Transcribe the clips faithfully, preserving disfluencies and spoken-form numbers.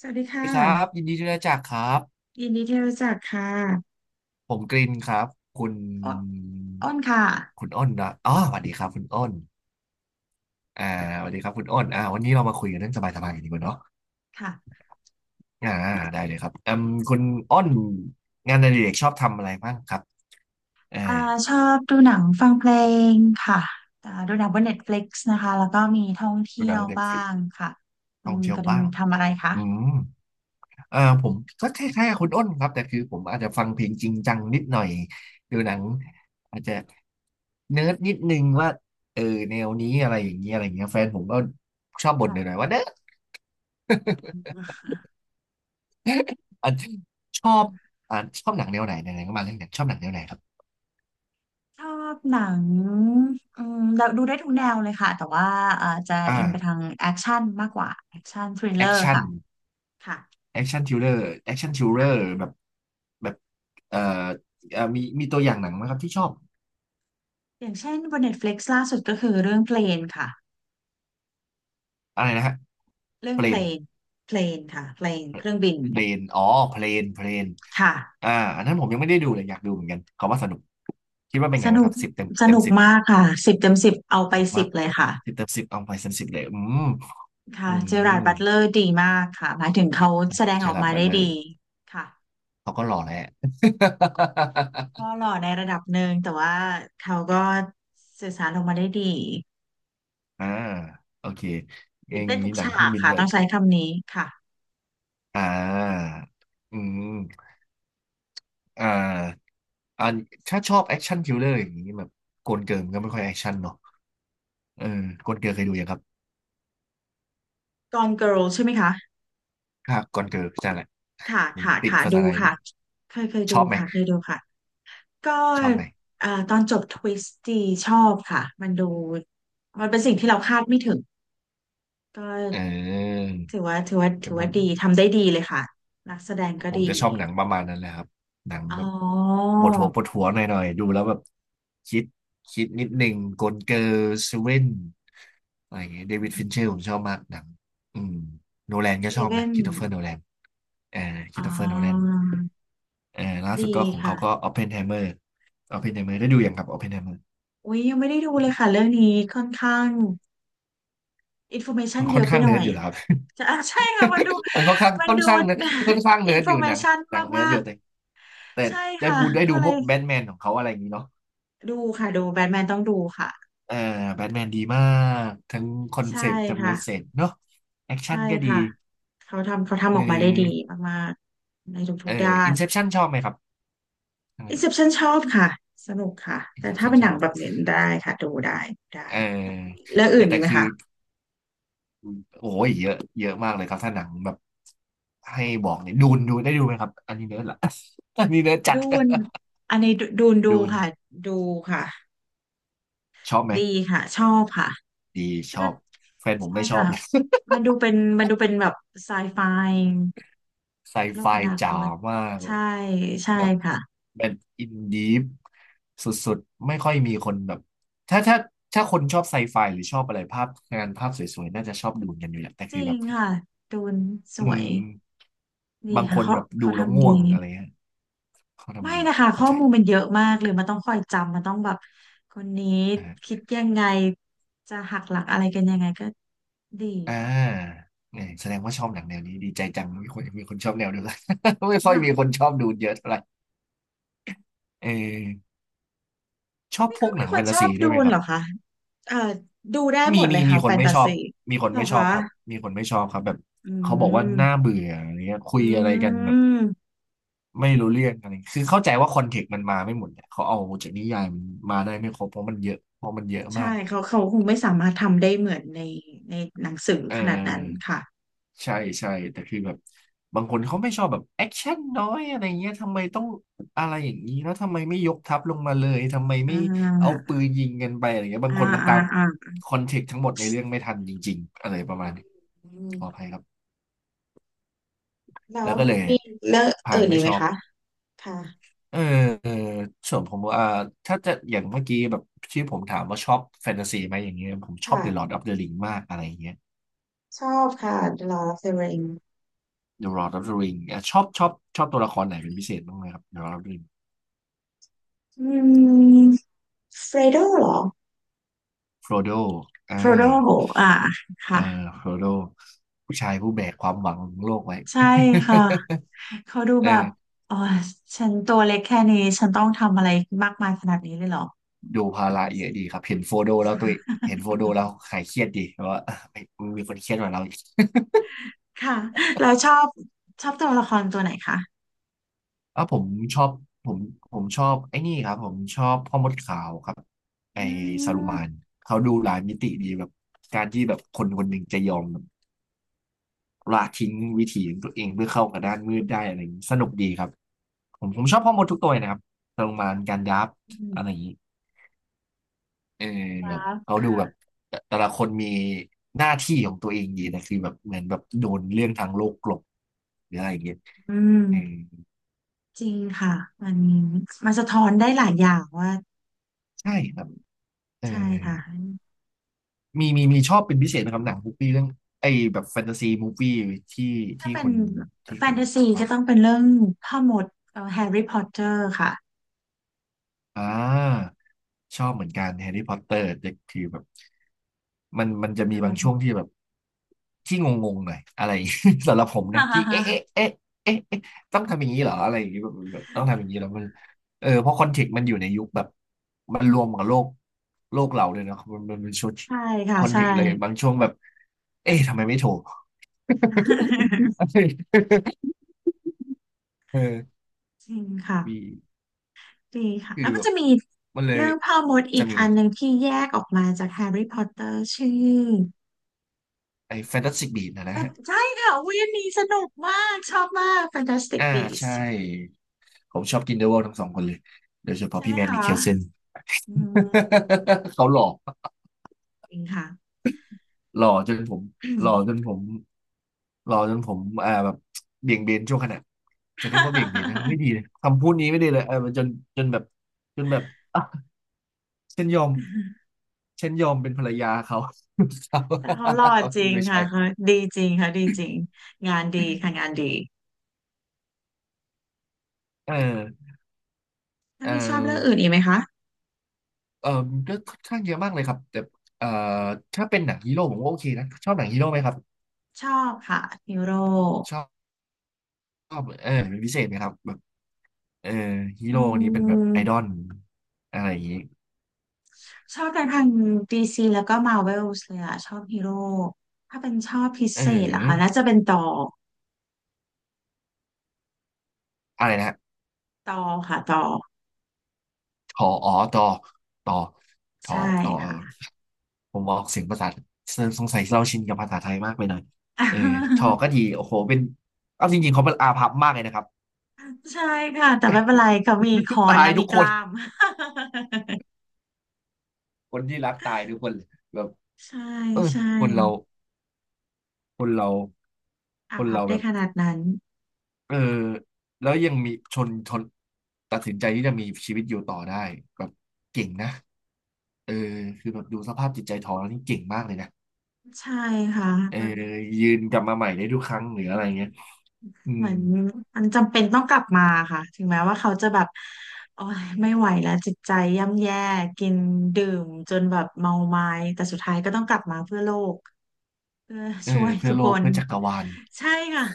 สวัสดีสวัสดีค่ะครับยินดีที่ได้รู้จักครับยินดีที่รู้จักค่ะ ผมกรินครับคุณอ้นอ้นค่ะคุณอ้นนะอ๋อสวัสดีครับคุณอ้นอ่าสวัสดีครับคุณอ้นอ่าวันนี้เรามาคุยกันเรื่องสบายๆกันดีกว่าเนาะค่ะอ่าได้เลยครับอืมคุณอ้นงานอดิเรกชอบทำอะไรบ้างครับเอออ่าชอบดูหนังฟังเพลงค่ะอ่าดูหนังบน Netflix นตฟลิกซ์นะคะแล้วก็มีท่องดูเที่หยนัวงเด็กบ้าฟรีงค่ะคุท่อณงเที่ยกวริบ้านงทำอะไรคะ อืม อ่าผมก็คล้ายๆกับคุณอ้นครับแต่คือผมอาจจะฟังเพลงจริงจังนิดหน่อยดูหนังอาจจะเนิร์ดนิดนึงว่าเออแนวนี้อะไรอย่างเงี้ยอะไรอย่างเงี้ยแฟนผมก็ชอบบ่นหค่ะ น่อยๆว่าเนิร์ดอ่ะชอบอ่าชอบหนังแนวไหนไหนๆก็มาเรื่องหนังชอบหนังแนวไหนครับชอบหนังอืมเราดูได้ทุกแนวเลยค่ะแต่ว่าเอ่อจะอินไปทาอ่างแอคชั่นมากกว่า แอคชั่นทริลเลแออคร์ชั่นค่ะค่ะแอคชั่นทริลเลอร์แอคชั่นทริลเลอค่ะร์แบบแบบเอ่อเอ่อมีมีตัวอย่างหนังไหมครับที่ชอบอย่างเช่นบน Netflix ลกซ์ล่าสุดก็คือเรื่องเพลนค่ะอะไรนะฮะเรื่องเปลเพลน นเพลนค่ะเพลนเครื่องบิน เพลนอ๋อเพลนเพลนค่ะอ่าอันนั้นผมยังไม่ได้ดูเลยอยากดูเหมือนกันเขาว่าสนุกคิดว่าเป็นสไงบ้างนุคกรับสิบเต็มสเต็มนุกสิบมากค่ะสิบเต็มสิบเอาสไปนุกสิมาบกเลยค่ะสิบเต็มสิบเอาไปเต็มสิบเลยอืมค่ะอืเจอราร์ดมบัตเลอร์ดีมากค่ะหมายถึงเขาแสดงเจอออกร์ารดมาบัตได้เลอร์ดีค่ะเขาก็หล่อแหละ ก็ หล่อในระดับหนึ่งแต่ว่าเขาก็สื่อสารออกมาได้ดีอ่าค่ะโอเคอตื่ย่านงเต้นทุนี้กหนังเคฉารื่อกงบินค่ะแบต้องใช้บึ้นคำนี้ค่ะ อ่าอืมอ่าอันถ้าชอบแอคชั่นคิลเลอร์อย่างนี้แบบโกนเกิร์ลมันก็ไม่ค่อยแอคชั่นเนาะเออโกนเกิร์ลเคยดูยังครับ Gone Girl ใช่ไหมคะค่ะก่อนเกิร์ลใช่แหละค่ะผมค่ะติดค่ะภาดูษาไทยค่ะนี่ เคยเคยชดูอบไหมค่ะเคยดูค่ะก็ชอบไหมเอ่อตอนจบทวิสต์ดีชอบค่ะมันดูมันเป็นสิ่งที่เราคาดไม่ถึงก็ เออถือว่าถือว่าถืเดี๋ยวอผว่ามดีทำได้ดีเลยค่ะนักแสดงก็ผมดีจะชอบหนังประมาณนั้นแหละครับหนังอ๋อแบบปวดหัวปวดหัวหน่อยๆดูแล้วแบบคิดคิดนิดหนึ่งกลเกอร์เซเว่นอะไรอย่างเงี้ยเดวิดฟินเชอร์ผมชอบมากหนังอืมโนแลนก็เซชอบเว่นะนค h ิ i โตเฟอร์โนแลนเออคอ๋ริสโตเฟอร์โนแลนอเออล่าดีสุดก็ของค่ะเขาก็ออปเพนไฮเมอร์ออปเพนไฮเมอร์ได้ดูอย่างครับออปเพนไฮเมอร์อุ้ยยังไม่ได้ดูเลยค่ะเรื่องนี้ค่อนข้างอินโฟเมชัมันนเยค่อนอะไปข้างหน่เนิอร์ดยอยู่แล้วครับ จะอ่ะใช่ค่ะมันดู มันค่อนข้างมันค่อนดู ข้างเนิร์ดค่อนข้าง เนิอินร์ดโฟอยู่เมหนังชันหนังเนิร์มาดอยู่กแต่แต่ๆใช่ได้ค่ะพูดได้ก็ดูเลพวยกแบทแมนของเขาอะไรอย่างงี้เนาะ ดูค่ะดูแบทแมนต้องดูค่ะเออแบทแมนดีมากทั้งคอนใช่เซปต์ทั้งเมค่ะสเสจเนาะแอคชั่ใช่นก็ดีค่ะเขาทำเขาเอทำออกมาได้ดีอมากๆในเอทุอกๆด้าอิน นเซปชั่นชอบไหมครับทั้งนั้น Inception ชอบค่ะสนุกค่ะอินแต่เซปถ้าชั่นเป็นชหนัองบแบบเนี้ได้ค่ะดูได้ได้เออแล้วเอออื่นอีแต่กไหมคือคะโอ้ยเยอะเยอะมากเลยครับถ้าหนังแบบให้บอกเนี่ยดูนดูได้ดูไหมครับอันนี้เนิร์ดละ อันนี้เนิร์ดจัด ดูนอันนี้ดูดูน ดูดูนค่ะดูค่ะชอบไหมดีค่ะชอบค่ะดีชก็อบแฟนผมใช่ไม่ชอบค่ะเลย มันดูเป็นมันดูเป็นแบบไซไฟ ไซโลไฟกอนาคจ๋าตมาก ใช่ใช่แบบค่ะแบบอินดีฟสุดๆไม่ค่อยมีคนแบบถ้าถ้าถ้าคนชอบไซไฟหรือชอบอะไรภาพงานภาพสวยๆน่าจะชอบดูกันอยู่แหละแต่จคือริแบบงค่ะดูนสอืวยมดีบางคค่ะนเขาแบบดูเขาแล้วทำง่ดี วงอะไรเงี้ยเขาไม่ทำดีนะคะเข้าข้อใจมูลมันเยอะมากเลยมันต้องคอยจำมันต้องแบบคนนี้อ่าคิดยังไงจะหักหลักอะไรกันยังไงก็ดีอ่ค่ะาเนี่ยแสดงว่าชอบหนังแนวนี้ดีใจจังมีคนมีคนชอบแนวเดียวกัน ไม่ค่อยมีคค่ะนชอบดูเยอะเท่าไหร่เออชอบพก็วกหมีนังคแฟนนชตาอซีบด้วดูยไหมคเหรัรบ อคะเอ่อดูได้หมีมดเลมียมีค่ะคแฟนนไม่ตาชอบซีมีคนเหรอไม่ชอคะบครับมีคนไม่ชอบครับแบบอืเขาบอกว่าน่ามเบื่ออะไรเงี้ยคุอืยอะไรกันแบบมไม่รู้เรื่องอะไรคือเข้าใจว่าคอนเทกต์มันมาไม่หมดเนี่ยเขาเอาจากนิยายมันมาได้ไม่ครบเพราะมันเยอะเพราะมันเยอะใช่มากเขาเขาคงไม่สามารถทำได้เหมือนในในหนังสือเอขนาดนั้นอค่ะใช่ใช่แต่คือแบบบางคนเขาไม่ชอบแบบแอคชั่นน้อยอะไรเงี้ยทำไมต้องอะไรอย่างนี้แล้วทำไมไม่ยกทัพลงมาเลยทำไมอ่ไม่เอาาปืนยิงกันไปอะไรเงี้ยบาอ่างคนมันอ่าตามอ่าคอนเทกต์ทั้งหมดในเรื่องไม่ทันจริงๆอะไรประมาณนี้อืขมออภัยครับ แล้แล้ววก็เลยมีเรื่องพาอื่นนอีไม่กไหชมอบคะค่ะเออเออส่วนผมว่าถ้าจะอย่างเมื่อกี้แบบที่ผมถามว่าชอบแฟนตาซีไหมอย่างเงี้ยผมชอบ ค่ะ The Lord of the Ring มากอะไรอย่างเงี้ย ชอบค่ะ The Lord of the Ring The Lord of the Ring อ่ะชอบชอบชอบตัวละครไหนเป็นพิเศษบ้างไหมครับ The Lord of the Ring อืมเฟรโดเหรอโฟโดอ่าโฟรโดอ่าเออค่ะโฟโดผู้ชายผู้แบกความหวังของโลกไว้ ใช่ค่ะเขาดู แบบเอออ๋อฉันตัวเล็กแค่นี้ฉันต้องทำอะไรมากมายขนาดนี้เลยเหรอดูภาอืระมเยอะดีครับเห็นโฟโดแล้วตัวเองเห็นโฟโดแล้วหายเครียดดีเพราะว่า เอมมีคนเครียดกว่าเรา ค่ะเราชอบชอบตัวละครตัวไหนคะอ่ะผมชอบผมผมชอบไอ้นี่ครับผมชอบพ่อมดขาวครับอืไอ้ซาลูมมานเขาดูหลายมิติดีแบบการที่แบบคนคนหนึ่งจะยอมแบบละทิ้งวิถีของตัวเองเพื่อเข้ากับด้านมืดได้อะไรอย่างนี้สนุกดีครับผมผมชอบพ่อมดทุกตัวเลยนะครับซาลูมานการยับอะไรอย่างนี้เออคแบรับบเขาดูแบบค่ะแต่แต่ละคนมีหน้าที่ของตัวเองดีนะคือแบบเหมือนแบบโดนเรื่องทางโลกกลบหรืออะไรอย่างเงี้ยอืเออมจริงค่ะมันมันสะท้อนได้หลายอย่างว่าใช่ครับเออ ใช่ค่ะ มีมีมีชอบเป็นพิเศษนะครับหนังมูปี่เรื่องไอ้แบบแฟนตาซีมูฟวี่ที่ที่เป็นคุณที่แฟคุนณตาซีออก็ฟต้องเป็นเรื่องพ่อมดเอ่อแฮร์รี่พอตเตอร์ค่ะอ่าชอบเหมือนกันแฮร์รี่พอตเตอร์แต่คือแบบมันมันจะมีดูบางช่วงที่แบบที่งงๆหน่อยอะไร สำหรับผมฮ่านะฮ่าที่เอ๊ะเอ๊ะฮ่าเอ๊ะเอ๊ะเอ๊ะต้องทำอย่างนี้เหรออะไรอย่างนี้แบบแบบต้องทำอย่างนี้แล้วมันเออเพราะคอนเทกต์มันอยู่ในยุคแบบมันรวมกับโลกโลกเราเลยเนอะมันมันเป็นชุดใช่ค่ะคอนเทใช่กต์อะไรบางช่วงแบบเอ๊ะทำไมไม่โทร เออ จริงค่ะมีดีค่ะคืแล้อวมัแบนบจะมีมันเลยเรื่องพ่อมดอีจะกมีอันหนึ่งที่แยกออกมาจากแฮร์รี่พอตเตอร์ชื่อไอ้แฟนตาสติกบีนะนะอ่ะฮะใช่ค่ะอุ้ยอันนี้สนุกมากชอบมาก Fantastic อ่าใช่ Beasts ผมชอบกินเดอะวอลทั้งสองคนเลยโดยเฉพาะใช่ไหพี่มแมนมิคะเคลเซน อืม เขาหล่อจริงค่ะ หล่อจนผมหล่อจนผมหล่อจนผมอ่าแบบเบี่ยงเบนช่วงขณะจะเรียกว่าเบี่ยงเบนนะไม่ดีเลยคำพูดนี้ไม่ดีเลยเออจนจนแบบจนแบบอ่ะฉันยอม ฉันยอมเป็นภรรยาเขา แต่เขาหล่อจริ งไม่ใช่ค่ะเขาดีจริงค่ะดีจริงงานดีค่ะงานดีเออถ้าเออ มีชอบเรื่องอื่นอีกไหมคะเอ่อก็ค่อนข้างเยอะมากเลยครับแต่เอ่อถ้าเป็นหนังฮีโร่ผมว่าโอเคนะชอบหนังฮีโร่ไหมครับชอบค่ะฮีโร่ชอบชอบเออเป็นพิเศษไหมครับแบบเออฮีอืโร่นี้เป็นแบบไอดอมลอะไรอย่างนี้ชอบแต่ทางดีซีแล้วก็มาเวลส์เลยอะชอบฮีโร่ถ้าเป็นชอบพิเอเศษเหรอคะน่าอจะเป็นต่ออะไรนะฮะต่อค่ะต่อทออ๋อต่อต่อต่อใช่ต่อค่ะ ผมออกเสียงภาษาสงสัยเราชินกับภาษาไทยมากไปหน่อยเออทอ ก็ดีโอ้โหเป็นเอาจริงๆเขาเป็นอาภัพมากเลยนะครับ ใช่ค่ะแต่ไม่เป็นไรเขามีคอ นตาและยมีทุกกคนล้าม คนที่รักตายทุกคนเลยแบบ ใช่เออใช่คนเรา คนเราอาคนพับเราแบได้บขนาดนั้นเออแล้วยังมีชนชนตัดสินใจที่จะมีชีวิตอยู่ต่อได้แบบเก่งนะเออคือแบบดูสภาพจิตใจทองแล้วนี่เก่งมากเลยนะใช่ค่ะ เออยืนกลับมาใหม่ได้ทุกครั้งหรืออะไรเงี้ยอืเหมมือนมันจำเป็นต้องกลับมาค่ะถึงแม้ว่าเขาจะแบบโอ้ยไม่ไหวแล้วจิตใจย่ำแย่กินดื่มจนแบบเมาไม้แต่สุดท้ายก็ต้องกลับมาเพื่อโลกเพื่อเออช่วยเพื่อทุกโลคกนเพื่อจักรวาลใช่ค่ะ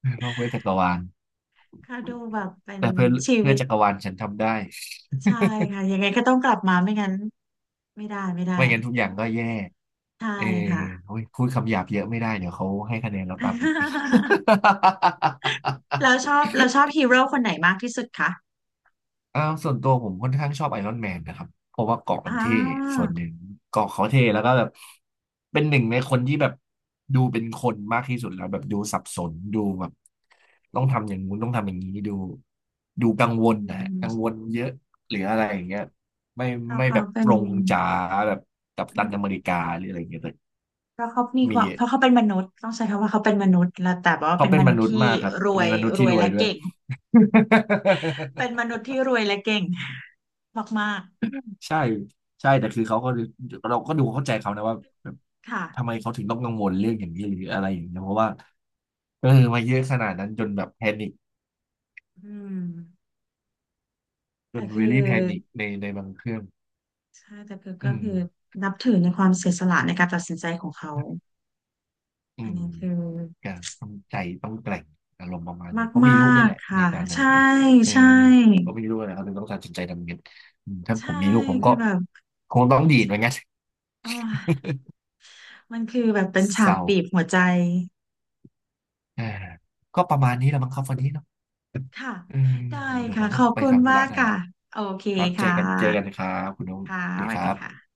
เพื่อโลกเพื่อจักรวาลค่ะดูแบบเป็นแต่เพื่อชีเพื่วิอตจักรวาลฉันทำได้ใช่ค่ะยังไงก็ต้องกลับมาไม่งั้นไม่ได้ไม่ได้ไม่งั้นทุกอย่างก็แย่ใช่เออค่ะ โอ้ยพูดคำหยาบเยอะไม่ได้เดี๋ยวเขาให้คะแนนเราต่ำอีก แล้ว ชอบเราชอบฮีโร่คนไหนมากที่สุดคะอ่าส่วนตัวผมค่อนข้างชอบไอรอนแมนนะครับเพราะว่าเกราะมันอ่าเท่ส่วนหนึ่งเกราะเขาเท่แล้วก็แบบเป็นหนึ่งในคนที่แบบดูเป็นคนมากที่สุดแล้วแบบดูสับสนดูแบบต้องทำอย่างงู้นต้องทำอย่างนี้ดูดูกังวอืลนะฮะกังมวลเยอะหรืออะไรอย่างเงี้ยไม่เพราะไม่เขาแบบเป็ตน รงจ๋าแบบกัปตันอเมริกาหรืออะไรอย่างเงี้ยแต่เพราะเขามีคมีวามเพราะเขาเป็นมนุษย์ต้องใช้คำว่าเขาเป็นมนุษย์แล้วแต่ว่าเขาเป็นเป็มนมนุษย์นุษที่ย์มากครับรแต่วเป็ยนมนุษย์รที่วยรวยและด้วย เก่งเป็น มนุษย์ที่รวยและเก่ง มากใช่ใช่แต่คือเขาก็เราก็ดูเข้าใจเขานะว่าแบบๆค่ะทำไมเขาถึงต้องกังวลเรื่องอย่างนี้หรืออะไรอย่างเงี้ยเพราะว่าเออมาเยอะขนาดนั้นจนแบบแพนิคอืมจแต่นเวคือลี่แพนิคในในบางเครื่องใช่แต่คือก็อืมคือนับถือในความเสียสละในการตัดสินใจของเขาอือันมนี้คือก็ต้องใจต้องแกร่งอารมณ์ประมาณนี้เขามีมาลูกด้วยกแหละๆในค่ะตอนนั้นใช่เนี่ยเออใช่เขามีลูกนะเขาถึงต้องตัดสินใจทำเงินอืมถ้าผใช่มมีลูกผมคืก็อแบบคงต้องดีดเหมือนกันอ๋อมันคือแบบเป็นเศฉากร้าบีบหัวใจอ่าก็ประมาณนี้แหละมั้งครับวันนี้เนาะค่ะอืมได้เดี๋ยวเดี๋ยวค่ะผมขต้องอบไปคุณทำธุมาระกหน่อยค่ะละ โอเคครับเจอค่ะ กันเจอกันครับคุณนุ๊กค่ะสวัสสดีวัคสรัดีบค่ะ